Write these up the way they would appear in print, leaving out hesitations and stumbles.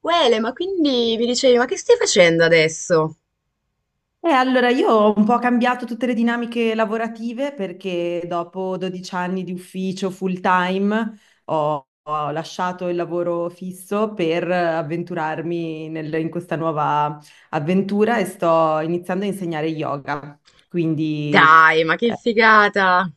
Quele, ma quindi mi dicevi, ma che stai facendo adesso? Allora, io ho un po' cambiato tutte le dinamiche lavorative perché dopo 12 anni di ufficio full time ho lasciato il lavoro fisso per avventurarmi in questa nuova avventura e sto iniziando a insegnare yoga. Quindi Dai, ma che figata!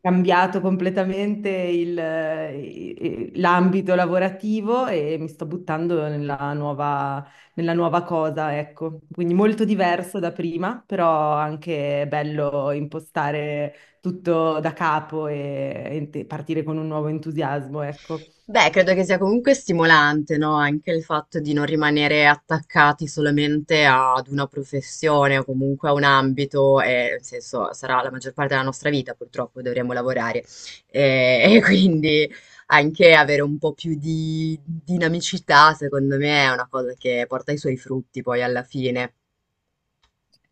cambiato completamente l'ambito lavorativo e mi sto buttando nella nuova cosa, ecco. Quindi molto diverso da prima, però anche bello impostare tutto da capo e partire con un nuovo entusiasmo, ecco. Beh, credo che sia comunque stimolante, no? Anche il fatto di non rimanere attaccati solamente ad una professione o comunque a un ambito, e, nel senso, sarà la maggior parte della nostra vita, purtroppo dovremo lavorare. E, e quindi anche avere un po' più di dinamicità, secondo me, è una cosa che porta i suoi frutti poi alla fine.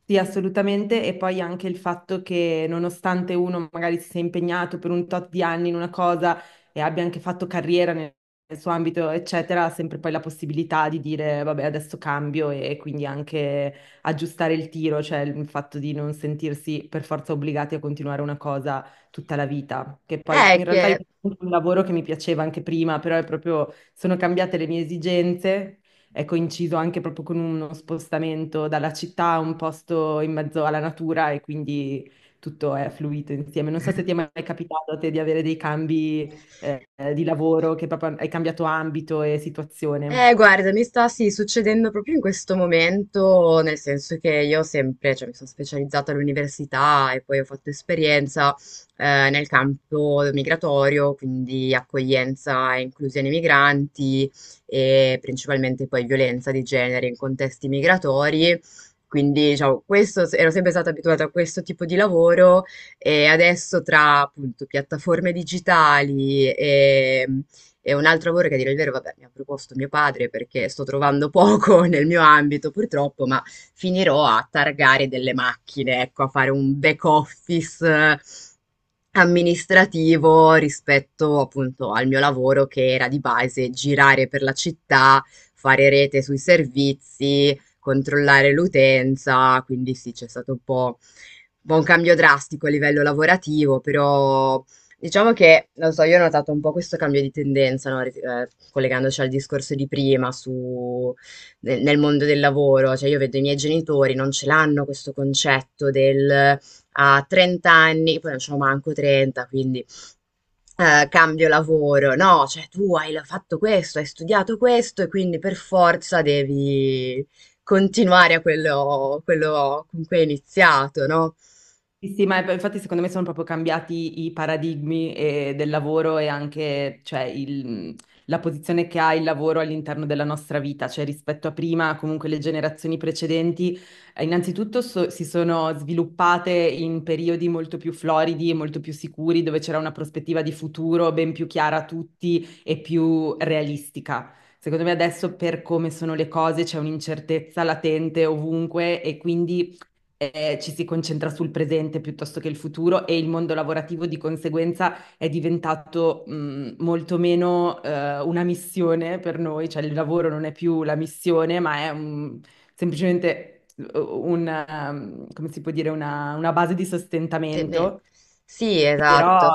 Sì, assolutamente. E poi anche il fatto che nonostante uno magari si sia impegnato per un tot di anni in una cosa e abbia anche fatto carriera nel suo ambito, eccetera, ha sempre poi la possibilità di dire, vabbè, adesso cambio e quindi anche aggiustare il tiro, cioè il fatto di non sentirsi per forza obbligati a continuare una cosa tutta la vita. Che poi in realtà io Che ho fatto un lavoro che mi piaceva anche prima, però è proprio sono cambiate le mie esigenze, è coinciso anche proprio con uno spostamento dalla città a un posto in mezzo alla natura e quindi tutto è fluito insieme. Non so se ti è mai capitato a te di avere dei cambi di lavoro, che proprio hai cambiato ambito e situazione. Guarda, mi sta sì, succedendo proprio in questo momento, nel senso che io sempre, cioè, mi sono specializzata all'università e poi ho fatto esperienza nel campo migratorio, quindi accoglienza e inclusione migranti e principalmente poi violenza di genere in contesti migratori. Quindi, diciamo, questo, ero sempre stata abituata a questo tipo di lavoro e adesso tra appunto piattaforme digitali e un altro lavoro che, a dire il vero, vabbè, mi ha proposto mio padre perché sto trovando poco nel mio ambito purtroppo, ma finirò a targare delle macchine, ecco, a fare un back office amministrativo rispetto appunto al mio lavoro che era di base girare per la città, fare rete sui servizi, controllare l'utenza. Quindi sì, c'è stato un po' un cambio drastico a livello lavorativo, però diciamo che, non so, io ho notato un po' questo cambio di tendenza, no? Collegandoci al discorso di prima su, nel mondo del lavoro, cioè io vedo i miei genitori, non ce l'hanno questo concetto del a 30 anni, poi non ce l'ho manco 30, quindi cambio lavoro, no, cioè tu hai fatto questo, hai studiato questo e quindi per forza devi continuare a quello, quello con cui hai iniziato, no? Sì, sì, ma infatti secondo me sono proprio cambiati i paradigmi del lavoro e anche cioè, la posizione che ha il lavoro all'interno della nostra vita, cioè rispetto a prima, comunque le generazioni precedenti, innanzitutto si sono sviluppate in periodi molto più floridi e molto più sicuri, dove c'era una prospettiva di futuro ben più chiara a tutti e più realistica. Secondo me adesso per come sono le cose c'è un'incertezza latente ovunque e quindi ci si concentra sul presente piuttosto che il futuro e il mondo lavorativo di conseguenza è diventato molto meno una missione per noi, cioè il lavoro non è più la missione, ma è semplicemente come si può dire, una base di Te- beh, sostentamento. Sì, esatto. Però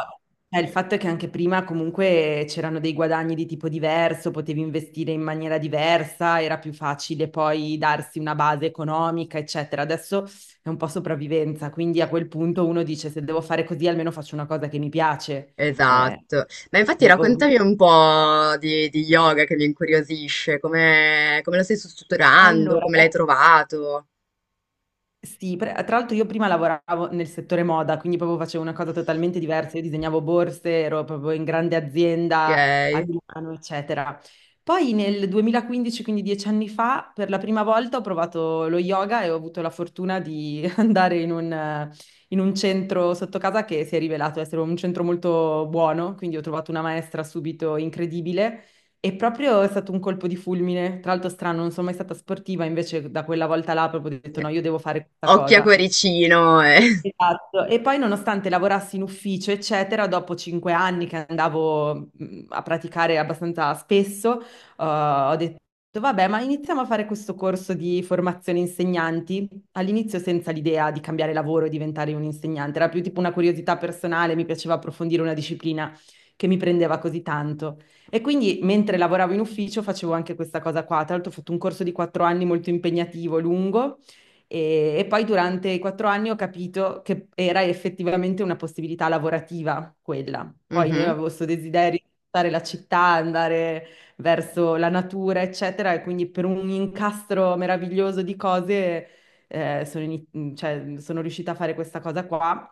il fatto è che anche prima comunque c'erano dei guadagni di tipo diverso, potevi investire in maniera diversa, era più facile poi darsi una base economica, eccetera. Adesso è un po' sopravvivenza, quindi a quel punto uno dice se devo fare così almeno faccio una cosa che mi piace. Eh, Esatto. Ma infatti quindi, raccontami ovvio. un po' di yoga, che mi incuriosisce, come, come lo stai strutturando, Allora, come l'hai trovato, Sì, tra l'altro io prima lavoravo nel settore moda, quindi proprio facevo una cosa totalmente diversa, io disegnavo borse, ero proprio in grande ok? azienda a Milano, eccetera. Poi nel 2015, quindi 10 anni fa, per la prima volta ho provato lo yoga e ho avuto la fortuna di andare in un centro sotto casa che si è rivelato essere un centro molto buono, quindi ho trovato una maestra subito incredibile e proprio è stato un colpo di fulmine. Tra l'altro strano, non sono mai stata sportiva, invece da quella volta là proprio ho detto no, io devo fare questa occhio a cosa. cuoricino, eh. Esatto, e poi nonostante lavorassi in ufficio, eccetera, dopo 5 anni che andavo a praticare abbastanza spesso, ho detto, vabbè, ma iniziamo a fare questo corso di formazione insegnanti, all'inizio senza l'idea di cambiare lavoro e diventare un insegnante, era più tipo una curiosità personale, mi piaceva approfondire una disciplina che mi prendeva così tanto. E quindi mentre lavoravo in ufficio facevo anche questa cosa qua, tra l'altro ho fatto un corso di 4 anni molto impegnativo, lungo. E poi durante i 4 anni ho capito che era effettivamente una possibilità lavorativa quella. Poi io Mhm. avevo questo desiderio di stare la città, andare verso la natura, eccetera, e quindi per un incastro meraviglioso di cose cioè, sono riuscita a fare questa cosa qua.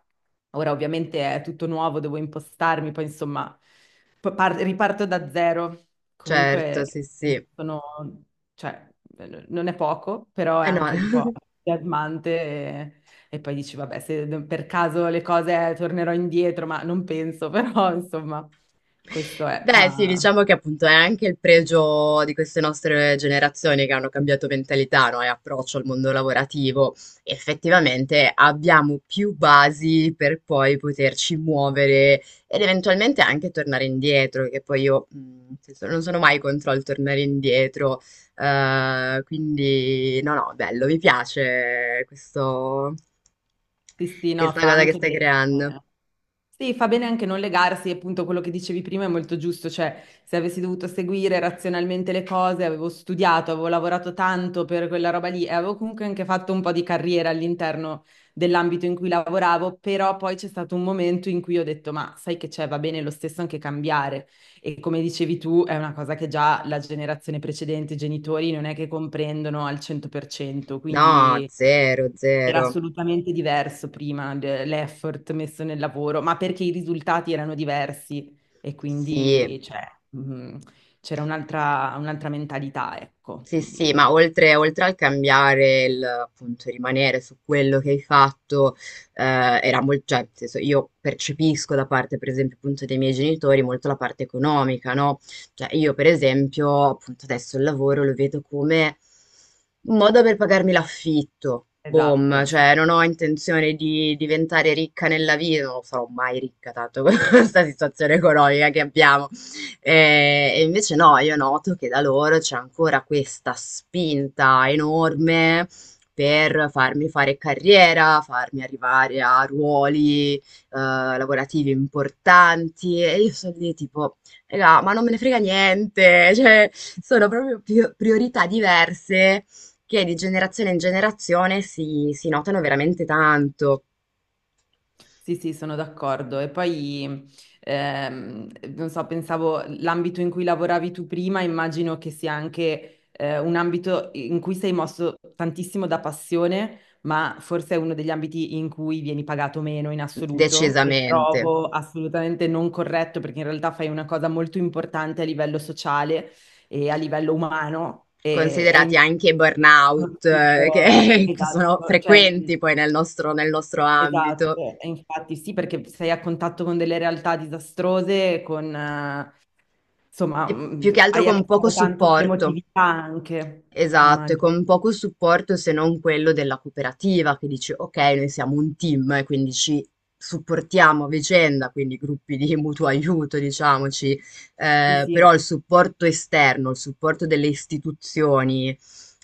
Ora ovviamente è tutto nuovo, devo impostarmi, poi insomma riparto da zero. Certo, Comunque sì, sì. sono, cioè, no, non è poco, però è Eh no. anche un po' entusiasmante e poi dici, vabbè, se per caso le cose tornerò indietro, ma non penso, però insomma, questo è. Beh, sì, Ma diciamo che appunto è anche il pregio di queste nostre generazioni che hanno cambiato mentalità, no, e approccio al mondo lavorativo. Effettivamente abbiamo più basi per poi poterci muovere ed eventualmente anche tornare indietro, che poi io nel senso, non sono mai contro il tornare indietro. Eh, quindi, no, no, bello, mi piace questo, sì, sì, no, questa fa cosa che anche stai bene. creando. Eh. Sì, fa bene anche non legarsi, e appunto quello che dicevi prima è molto giusto, cioè se avessi dovuto seguire razionalmente le cose, avevo studiato, avevo lavorato tanto per quella roba lì e avevo comunque anche fatto un po' di carriera all'interno dell'ambito in cui lavoravo, però poi c'è stato un momento in cui ho detto, ma sai che c'è, va bene lo stesso anche cambiare e come dicevi tu è una cosa che già la generazione precedente, i genitori non è che comprendono al 100%, No, quindi. zero, Era zero. assolutamente diverso prima l'effort messo nel lavoro, ma perché i risultati erano diversi e Sì, quindi cioè, mh, c'era un'altra mentalità, ecco. sì, sì, Quindi, ma oltre, oltre al cambiare, il, appunto, rimanere su quello che hai fatto, era molto, cioè, nel senso, io percepisco da parte, per esempio, appunto, dei miei genitori molto la parte economica, no? Cioè, io, per esempio, appunto, adesso il lavoro lo vedo come un modo per pagarmi l'affitto, boom, esatto. cioè, non ho intenzione di diventare ricca nella vita, non sarò mai ricca, tanto con questa situazione economica che abbiamo. E invece no, io noto che da loro c'è ancora questa spinta enorme per farmi fare carriera, farmi arrivare a ruoli lavorativi importanti, e io sono lì tipo, "Raga, ma non me ne frega niente", cioè sono proprio priorità diverse che di generazione in generazione si notano veramente tanto. Sì, sì, sono d'accordo. E poi, ehm, non so, pensavo l'ambito in cui lavoravi tu prima, immagino che sia anche un ambito in cui sei mosso tantissimo da passione, ma forse è uno degli ambiti in cui vieni pagato meno in assoluto, che Decisamente. trovo assolutamente non corretto, perché in realtà fai una cosa molto importante a livello sociale e a livello umano. Considerati anche i burnout, che, che sono Esatto, cioè. frequenti poi nel nostro ambito. Esatto, e infatti sì, perché sei a contatto con delle realtà disastrose, insomma, E più che altro hai a che con poco fare tanto con supporto. l'emotività anche, Esatto, e immagino. con poco supporto se non quello della cooperativa che dice ok, noi siamo un team e quindi ci supportiamo a vicenda, quindi gruppi di mutuo aiuto, diciamoci, Sì, sì, però il supporto esterno, il supporto delle istituzioni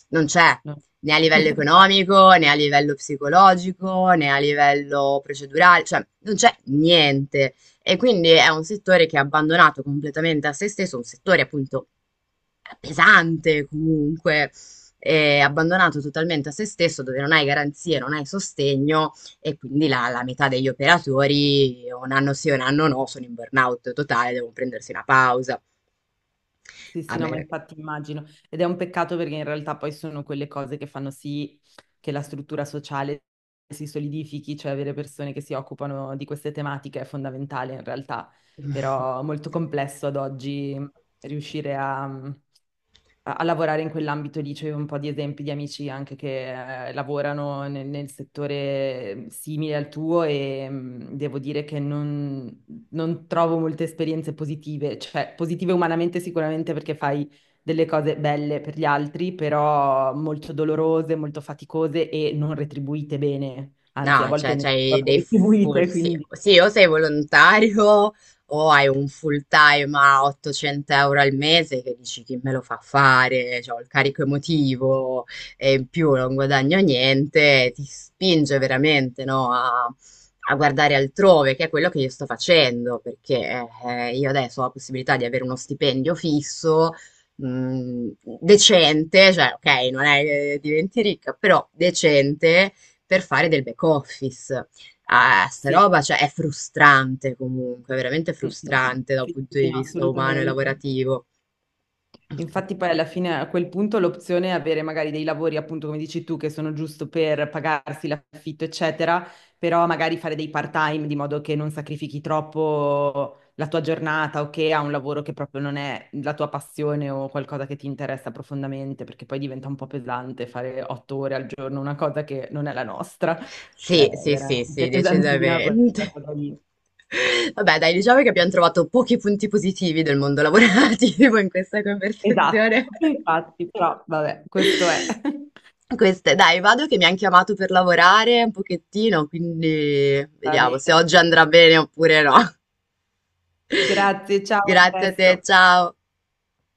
non c'è, no. né a livello Infatti, economico, né a livello psicologico, né a livello procedurale, cioè non c'è niente. E quindi è un settore che è abbandonato completamente a se stesso, un settore appunto pesante comunque, abbandonato totalmente a se stesso, dove non hai garanzie, non hai sostegno, e quindi la, la metà degli operatori un anno sì, un anno no, sono in burnout totale, devono prendersi una pausa. sì, A sì, no, ma me... infatti immagino. Ed è un peccato perché in realtà poi sono quelle cose che fanno sì che la struttura sociale si solidifichi, cioè avere persone che si occupano di queste tematiche è fondamentale in realtà, però molto complesso ad oggi riuscire a lavorare in quell'ambito lì. C'è un po' di esempi di amici anche che lavorano nel settore simile al tuo e devo dire che non trovo molte esperienze positive, cioè positive umanamente sicuramente perché fai delle cose belle per gli altri, però molto dolorose, molto faticose e non retribuite bene, anzi a No, volte cioè, ne c'hai proprio dei full, retribuite, sì, quindi sì, o sei volontario o hai un full time a 800 euro al mese, che dici chi me lo fa fare, cioè, ho il carico emotivo e in più non guadagno niente, ti spinge veramente, no, a, a guardare altrove, che è quello che io sto facendo, perché io adesso ho la possibilità di avere uno stipendio fisso, mh, decente, cioè, ok, non è che diventi ricca, però decente, per fare del back office. Ah, sta sì. roba, cioè, è frustrante comunque, veramente Mm, mm, mm. frustrante dal Sì, sì, punto sì, di no, vista umano e assolutamente. lavorativo. Infatti poi alla fine a quel punto l'opzione è avere magari dei lavori, appunto come dici tu, che sono giusto per pagarsi l'affitto, eccetera, però magari fare dei part-time di modo che non sacrifichi troppo la tua giornata o che ha un lavoro che proprio non è la tua passione o qualcosa che ti interessa profondamente, perché poi diventa un po' pesante fare 8 ore al giorno, una cosa che non è la nostra, cioè Sì, è sì, sì, veramente sì, pesantina quella decisamente. cosa lì. Vabbè, dai, diciamo che abbiamo trovato pochi punti positivi del mondo lavorativo in questa Esatto, conversazione. infatti, però vabbè, questo è. Queste, dai, vado che mi hanno chiamato per lavorare un pochettino, quindi Va vediamo se bene. oggi andrà bene oppure no. Grazie, ciao, a Grazie a te, presto. ciao.